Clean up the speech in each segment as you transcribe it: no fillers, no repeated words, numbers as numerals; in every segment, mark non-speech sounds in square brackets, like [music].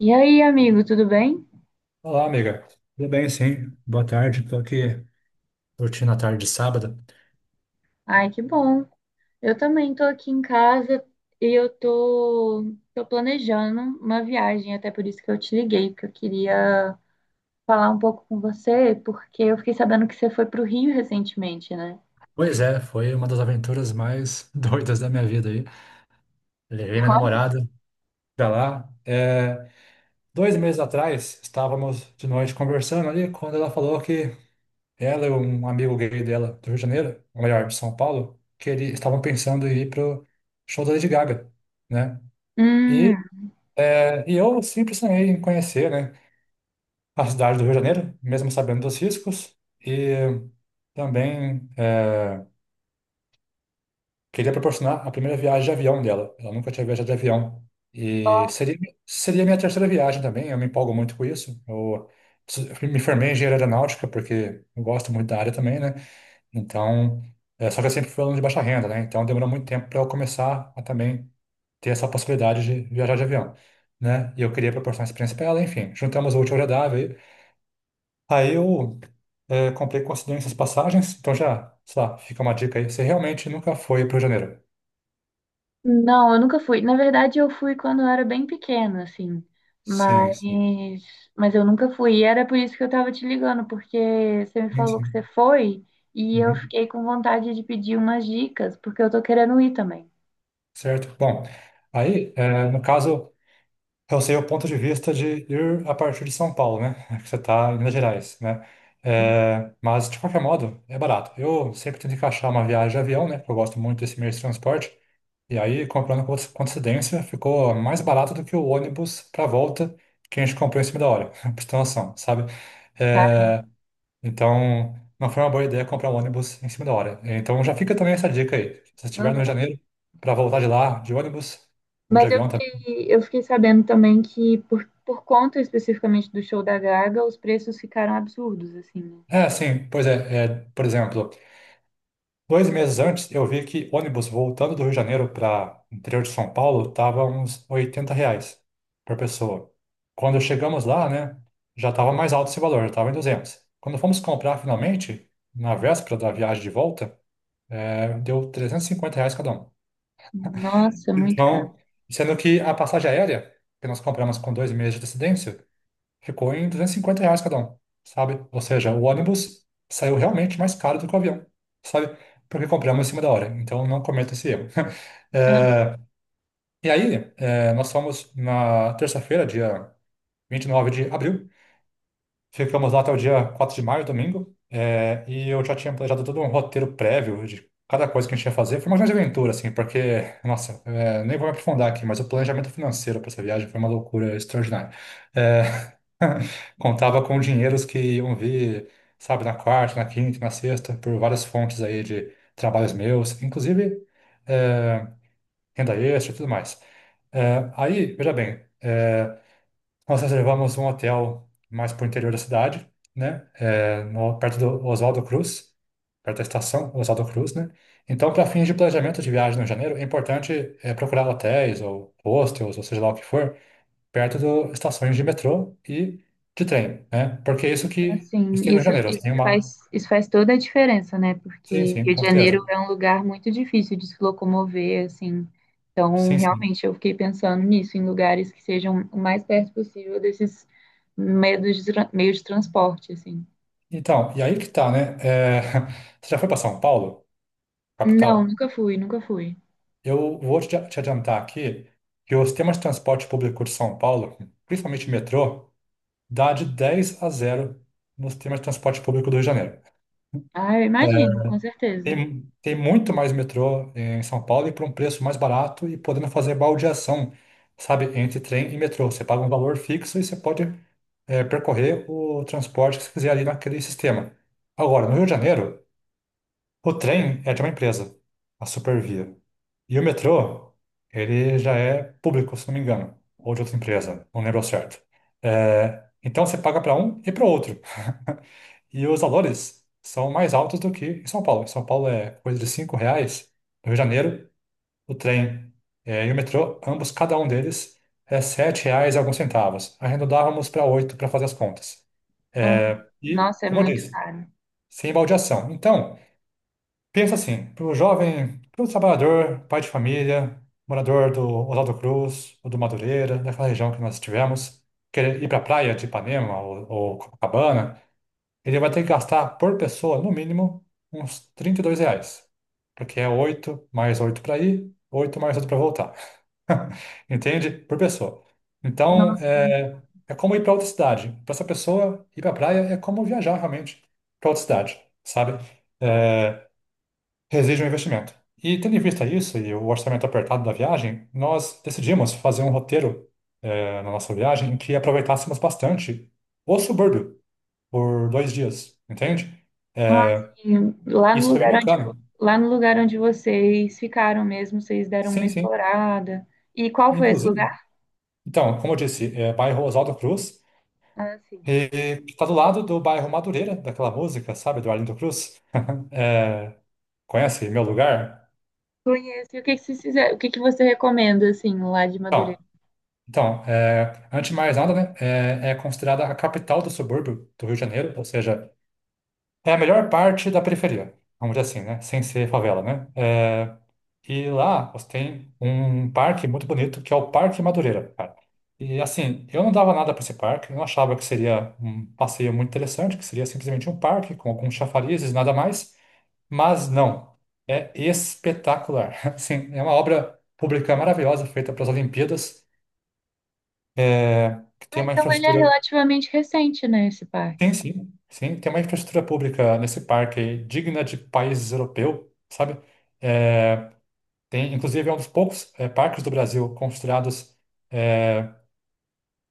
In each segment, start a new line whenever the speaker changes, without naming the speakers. E aí, amigo, tudo bem?
Olá, amiga. Tudo bem, sim? Boa tarde. Estou aqui curtindo a tarde de sábado.
Ai, que bom. Eu também tô aqui em casa e eu tô planejando uma viagem, até por isso que eu te liguei, porque eu queria falar um pouco com você, porque eu fiquei sabendo que você foi pro Rio recentemente, né?
Pois é, foi uma das aventuras mais [laughs] doidas da minha vida aí. Levei minha namorada pra lá. É, 2 meses atrás, estávamos de noite conversando ali, quando ela falou que ela e um amigo gay dela do Rio de Janeiro, ou melhor, de São Paulo, que eles estavam pensando em ir pro show da Lady Gaga, né?
Hum,
E, e eu sempre sonhei em conhecer, né? A cidade do Rio de Janeiro, mesmo sabendo dos riscos, e também queria proporcionar a primeira viagem de avião dela. Ela nunca tinha viajado de avião. E seria minha terceira viagem também, eu me empolgo muito com isso. Eu me formei em engenharia aeronáutica porque eu gosto muito da área também, né? Então, só que eu sempre fui aluno de baixa renda, né? Então demorou muito tempo para eu começar a também ter essa possibilidade de viajar de avião, né? E eu queria proporcionar essa experiência para ela, enfim. Juntamos o útil ao agradável. Aí eu comprei com antecedência as passagens, então já, sei lá, fica uma dica aí. Você realmente nunca foi para o Rio de Janeiro?
Não, eu nunca fui. Na verdade, eu fui quando eu era bem pequena, assim.
Sim,
Mas,
sim,
mas eu nunca fui. E era por isso que eu tava te ligando, porque você me
sim.
falou que você
Sim.
foi e eu
Uhum.
fiquei com vontade de pedir umas dicas, porque eu tô querendo ir também,
Certo. Bom, aí, no caso, eu sei o ponto de vista de ir a partir de São Paulo, né? [laughs] Que você está em Minas Gerais, né? É, mas, de qualquer modo, é barato. Eu sempre tento encaixar uma viagem de avião, né? Porque eu gosto muito desse meio de transporte. E aí, comprando com coincidência, ficou mais barato do que o ônibus para volta que a gente comprou em cima da hora, [laughs] pra você ter noção, sabe?
tá?
É, então, não foi uma boa ideia comprar um ônibus em cima da hora. Então, já fica também essa dica aí. Se você estiver no
Uhum.
Rio de Janeiro, para voltar de lá, de ônibus ou de
Mas
avião também.
eu fiquei sabendo também que, por conta especificamente do show da Gaga, os preços ficaram absurdos, assim, né?
É, sim, pois é, por exemplo. 2 meses antes, eu vi que ônibus voltando do Rio de Janeiro para interior de São Paulo estava uns R$ 80 por pessoa. Quando chegamos lá, né, já estava mais alto esse valor, já estava em 200. Quando fomos comprar finalmente, na véspera da viagem de volta, deu R$ 350 cada um.
Nossa, muito caro.
Então, sendo que a passagem aérea, que nós compramos com 2 meses de antecedência, ficou em R$ 250 cada um, sabe? Ou seja, o ônibus saiu realmente mais caro do que o avião, sabe? Porque compramos em cima da hora, então não cometa esse erro. [laughs] Eh, e aí, nós fomos na terça-feira, dia 29 de abril. Ficamos lá até o dia 4 de maio, domingo, e eu já tinha planejado todo um roteiro prévio de cada coisa que a gente ia fazer. Foi uma grande aventura, assim, porque, nossa, nem vou me aprofundar aqui, mas o planejamento financeiro para essa viagem foi uma loucura extraordinária. É, [laughs] contava com dinheiros que iam vir, sabe, na quarta, na quinta, na sexta, por várias fontes aí de trabalhos meus, inclusive é, renda extra e tudo mais. É, aí, veja bem. Nós reservamos um hotel mais para o interior da cidade, né? É, perto do Oswaldo Cruz, perto da estação Oswaldo Cruz, né? Então, para fins de planejamento de viagem no janeiro, é importante procurar hotéis ou hostels, ou seja lá o que for, perto de estações de metrô e de trem, né? Porque é isso que
Assim,
você tem no janeiro. Você tem uma...
isso faz toda a diferença, né?
Sim,
Porque
sim,
Rio de
com
Janeiro
certeza.
é um lugar muito difícil de se locomover, assim. Então,
Sim, sim.
realmente, eu fiquei pensando nisso, em lugares que sejam o mais perto possível desses meios de transporte, assim.
Então, e aí que tá, né? É, [laughs] você já foi para São Paulo,
Não,
capital?
nunca fui.
Eu vou te adiantar aqui que o sistema de transporte público de São Paulo, principalmente o metrô, dá de 10 a zero no sistema de transporte público do Rio de Janeiro.
Ah, eu
É,
imagino, com certeza.
Tem muito mais metrô em São Paulo e por um preço mais barato e podendo fazer baldeação, sabe, entre trem e metrô. Você paga um valor fixo e você pode percorrer o transporte que você quiser ali naquele sistema. Agora, no Rio de Janeiro, o trem é de uma empresa, a Supervia. E o metrô, ele já é público, se não me engano, ou de outra empresa, não lembro ao certo. É, então você paga para um e para outro. [laughs] E os valores são mais altos do que em São Paulo. Em São Paulo é coisa de R$ 5. No Rio de Janeiro, o trem e o metrô, ambos, cada um deles, é R$ 7 e alguns centavos. Arredondávamos para 8 para fazer as contas. É,
Aham.
e,
Nossa, é
como eu
muito
disse,
caro.
sem baldeação. Então, pensa assim, para o jovem, para o trabalhador, pai de família, morador do Oswaldo Cruz ou do Madureira, daquela região que nós estivemos, querer ir para a praia de Ipanema ou Copacabana, ele vai ter que gastar por pessoa, no mínimo, uns R$ 32. Porque é 8 mais 8 para ir, 8 mais 8 para voltar. [laughs] Entende? Por pessoa. Então,
Nossa, é muito.
é como ir para outra cidade. Para essa pessoa, ir para a praia é como viajar realmente para outra cidade, sabe? É, reseja um investimento. E tendo em vista isso e o orçamento apertado da viagem, nós decidimos fazer um roteiro na nossa viagem em que aproveitássemos bastante o subúrbio por 2 dias, entende?
Ah,
Eh,
sim.
isso foi bem bacana.
Lá no lugar onde vocês ficaram mesmo, vocês deram uma
Sim, sim.
explorada. E qual foi esse lugar?
Inclusive, então, como eu disse, é bairro Oswaldo Cruz,
Ah, sim.
e que está do lado do bairro Madureira, daquela música, sabe, do Arlindo Cruz? [laughs] Eh, conhece Meu Lugar?
Conheço. E o que que vocês fizeram? O que que você recomenda, assim, lá de
Então,
Madureira?
Então, antes de mais nada, né, é considerada a capital do subúrbio do Rio de Janeiro, ou seja, é a melhor parte da periferia, vamos dizer assim, né, sem ser favela, né? É, e lá você tem um parque muito bonito, que é o Parque Madureira, cara. E assim, eu não dava nada para esse parque, eu não achava que seria um passeio muito interessante, que seria simplesmente um parque com alguns chafarizes e nada mais, mas não, é espetacular. [laughs] Assim, é uma obra pública maravilhosa feita para as Olimpíadas. É, que tem
Ah,
uma
então ele é
infraestrutura.
relativamente recente, né, esse parque.
Tem sim, sim, tem uma infraestrutura pública nesse parque aí, digna de países europeus, sabe? É, tem, inclusive, é um dos poucos parques do Brasil construídos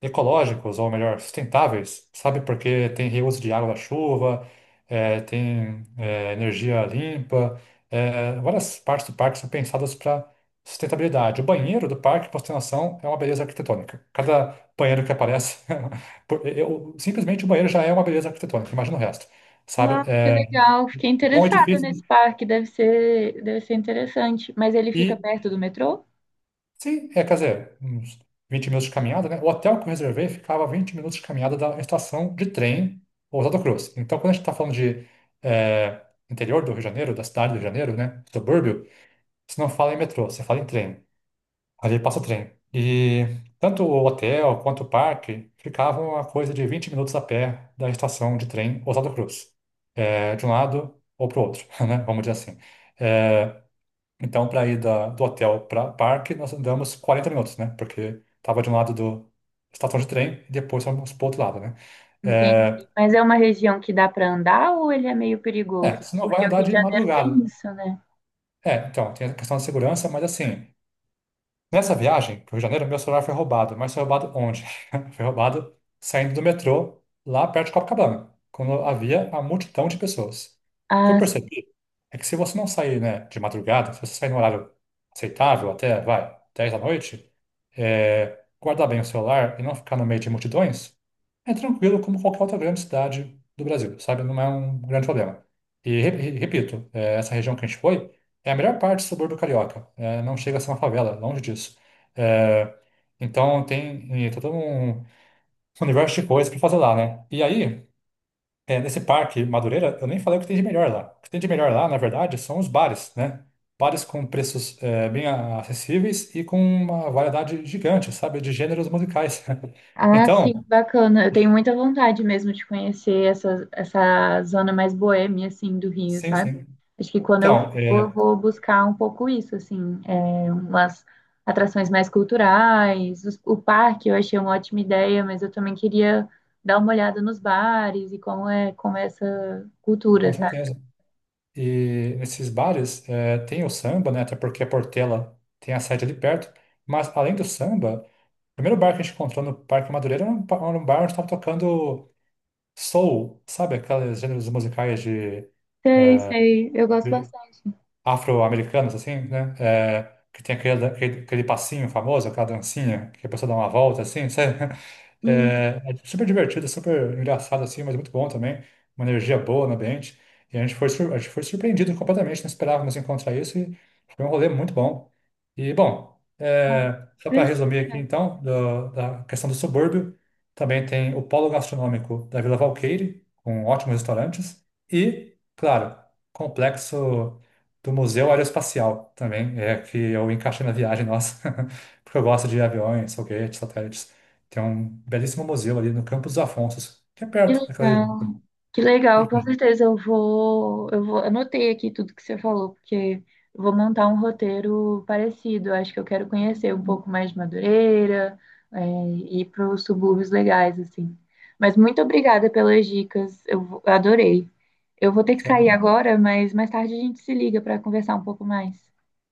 ecológicos, ou melhor, sustentáveis, sabe? Porque tem reuso de água da chuva, tem energia limpa, eh, várias partes do parque são pensadas para sustentabilidade. O banheiro do parque, para você ter noção, é uma beleza arquitetônica. Cada banheiro que aparece, [laughs] simplesmente o banheiro já é uma beleza arquitetônica, imagina o resto, sabe?
Uau, que
É
legal. Fiquei
um
interessada
edifício.
nesse parque. Deve ser interessante. Mas ele fica perto do metrô?
Sim, é, quer dizer, uns 20 minutos de caminhada, né? O hotel que eu reservei ficava a 20 minutos de caminhada da estação de trem Ousado Cruz. Então, quando a gente está falando de é, interior do Rio de Janeiro, da cidade do Rio de Janeiro, né? Subúrbio, você não fala em metrô, você fala em trem. Ali passa o trem. E tanto o hotel quanto o parque ficavam a coisa de 20 minutos a pé da estação de trem Ousado Cruz. É, de um lado ou para o outro, [laughs] né? Vamos dizer assim. É, então, para ir do hotel para parque, nós andamos 40 minutos, né? Porque tava de um lado do estação de trem e depois fomos para outro lado, né? É,
Entendi. Mas é uma região que dá para andar ou ele é meio
é,
perigoso?
você não vai
Porque o
andar
Rio
de
de Janeiro tem
madrugada.
isso, né?
É, então, tem a questão da segurança, mas assim, nessa viagem pro Rio de Janeiro, meu celular foi roubado. Mas foi roubado onde? [laughs] Foi roubado saindo do metrô, lá perto de Copacabana, quando havia a multidão de pessoas. O que eu
Ah.
percebi é que se você não sair, né, de madrugada, se você sair no horário aceitável, até, vai, 10 da noite, é, guardar bem o celular e não ficar no meio de multidões, é tranquilo como qualquer outra grande cidade do Brasil, sabe? Não é um grande problema. E, repito, essa região que a gente foi. É a melhor parte do subúrbio carioca. É, não chega a ser uma favela, longe disso. É, então tem todo um universo de coisas para fazer lá, né? E aí, nesse parque Madureira, eu nem falei o que tem de melhor lá. O que tem de melhor lá, na verdade, são os bares, né? Bares com preços bem acessíveis e com uma variedade gigante, sabe? De gêneros musicais. [laughs]
Ah,
Então,
sim, bacana. Eu tenho muita vontade mesmo de conhecer essa zona mais boêmia, assim, do Rio,
sim,
sabe?
sim.
Acho que quando eu
Então,
for, eu vou buscar um pouco isso, assim, é, umas atrações mais culturais. O parque eu achei uma ótima ideia, mas eu também queria dar uma olhada nos bares e como é essa cultura,
com
sabe?
certeza. E nesses bares tem o samba, né? Até porque a Portela tem a sede ali perto. Mas além do samba, o primeiro bar que a gente encontrou no Parque Madureira era um bar onde estava tocando soul, sabe? Aqueles gêneros musicais de,
Sei, sei, eu gosto
de
bastante.
afro-americanos, assim, né? Que tem aquele passinho famoso, aquela dancinha, que a pessoa dá uma volta, assim, [laughs] sabe?
Hum,
É, é super divertido, super engraçado assim, mas muito bom também. Uma energia boa no ambiente. E a gente foi surpreendido completamente, não esperávamos encontrar isso e foi um rolê muito bom. E, bom, só para
divertido.
resumir aqui então, da questão do subúrbio, também tem o polo gastronômico da Vila Valqueire, com ótimos restaurantes. E, claro, complexo do Museu Aeroespacial também, é que eu encaixei na viagem nossa, [laughs] porque eu gosto de aviões, foguetes, satélites. Tem um belíssimo museu ali no Campos dos Afonsos, que é
Que
perto daquela região
legal.
também.
Que legal, com
Enfim,
certeza eu vou, anotei aqui tudo que você falou, porque eu vou montar um roteiro parecido. Eu acho que eu quero conhecer um pouco mais de Madureira, é, e ir para os subúrbios legais, assim. Mas muito obrigada pelas dicas, eu adorei. Eu vou ter que sair
certo?
agora, mas mais tarde a gente se liga para conversar um pouco mais.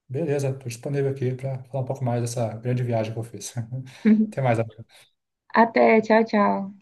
Beleza, estou disponível aqui para falar um pouco mais dessa grande viagem que eu fiz. [laughs] Até
[laughs]
mais.
Até, tchau, tchau.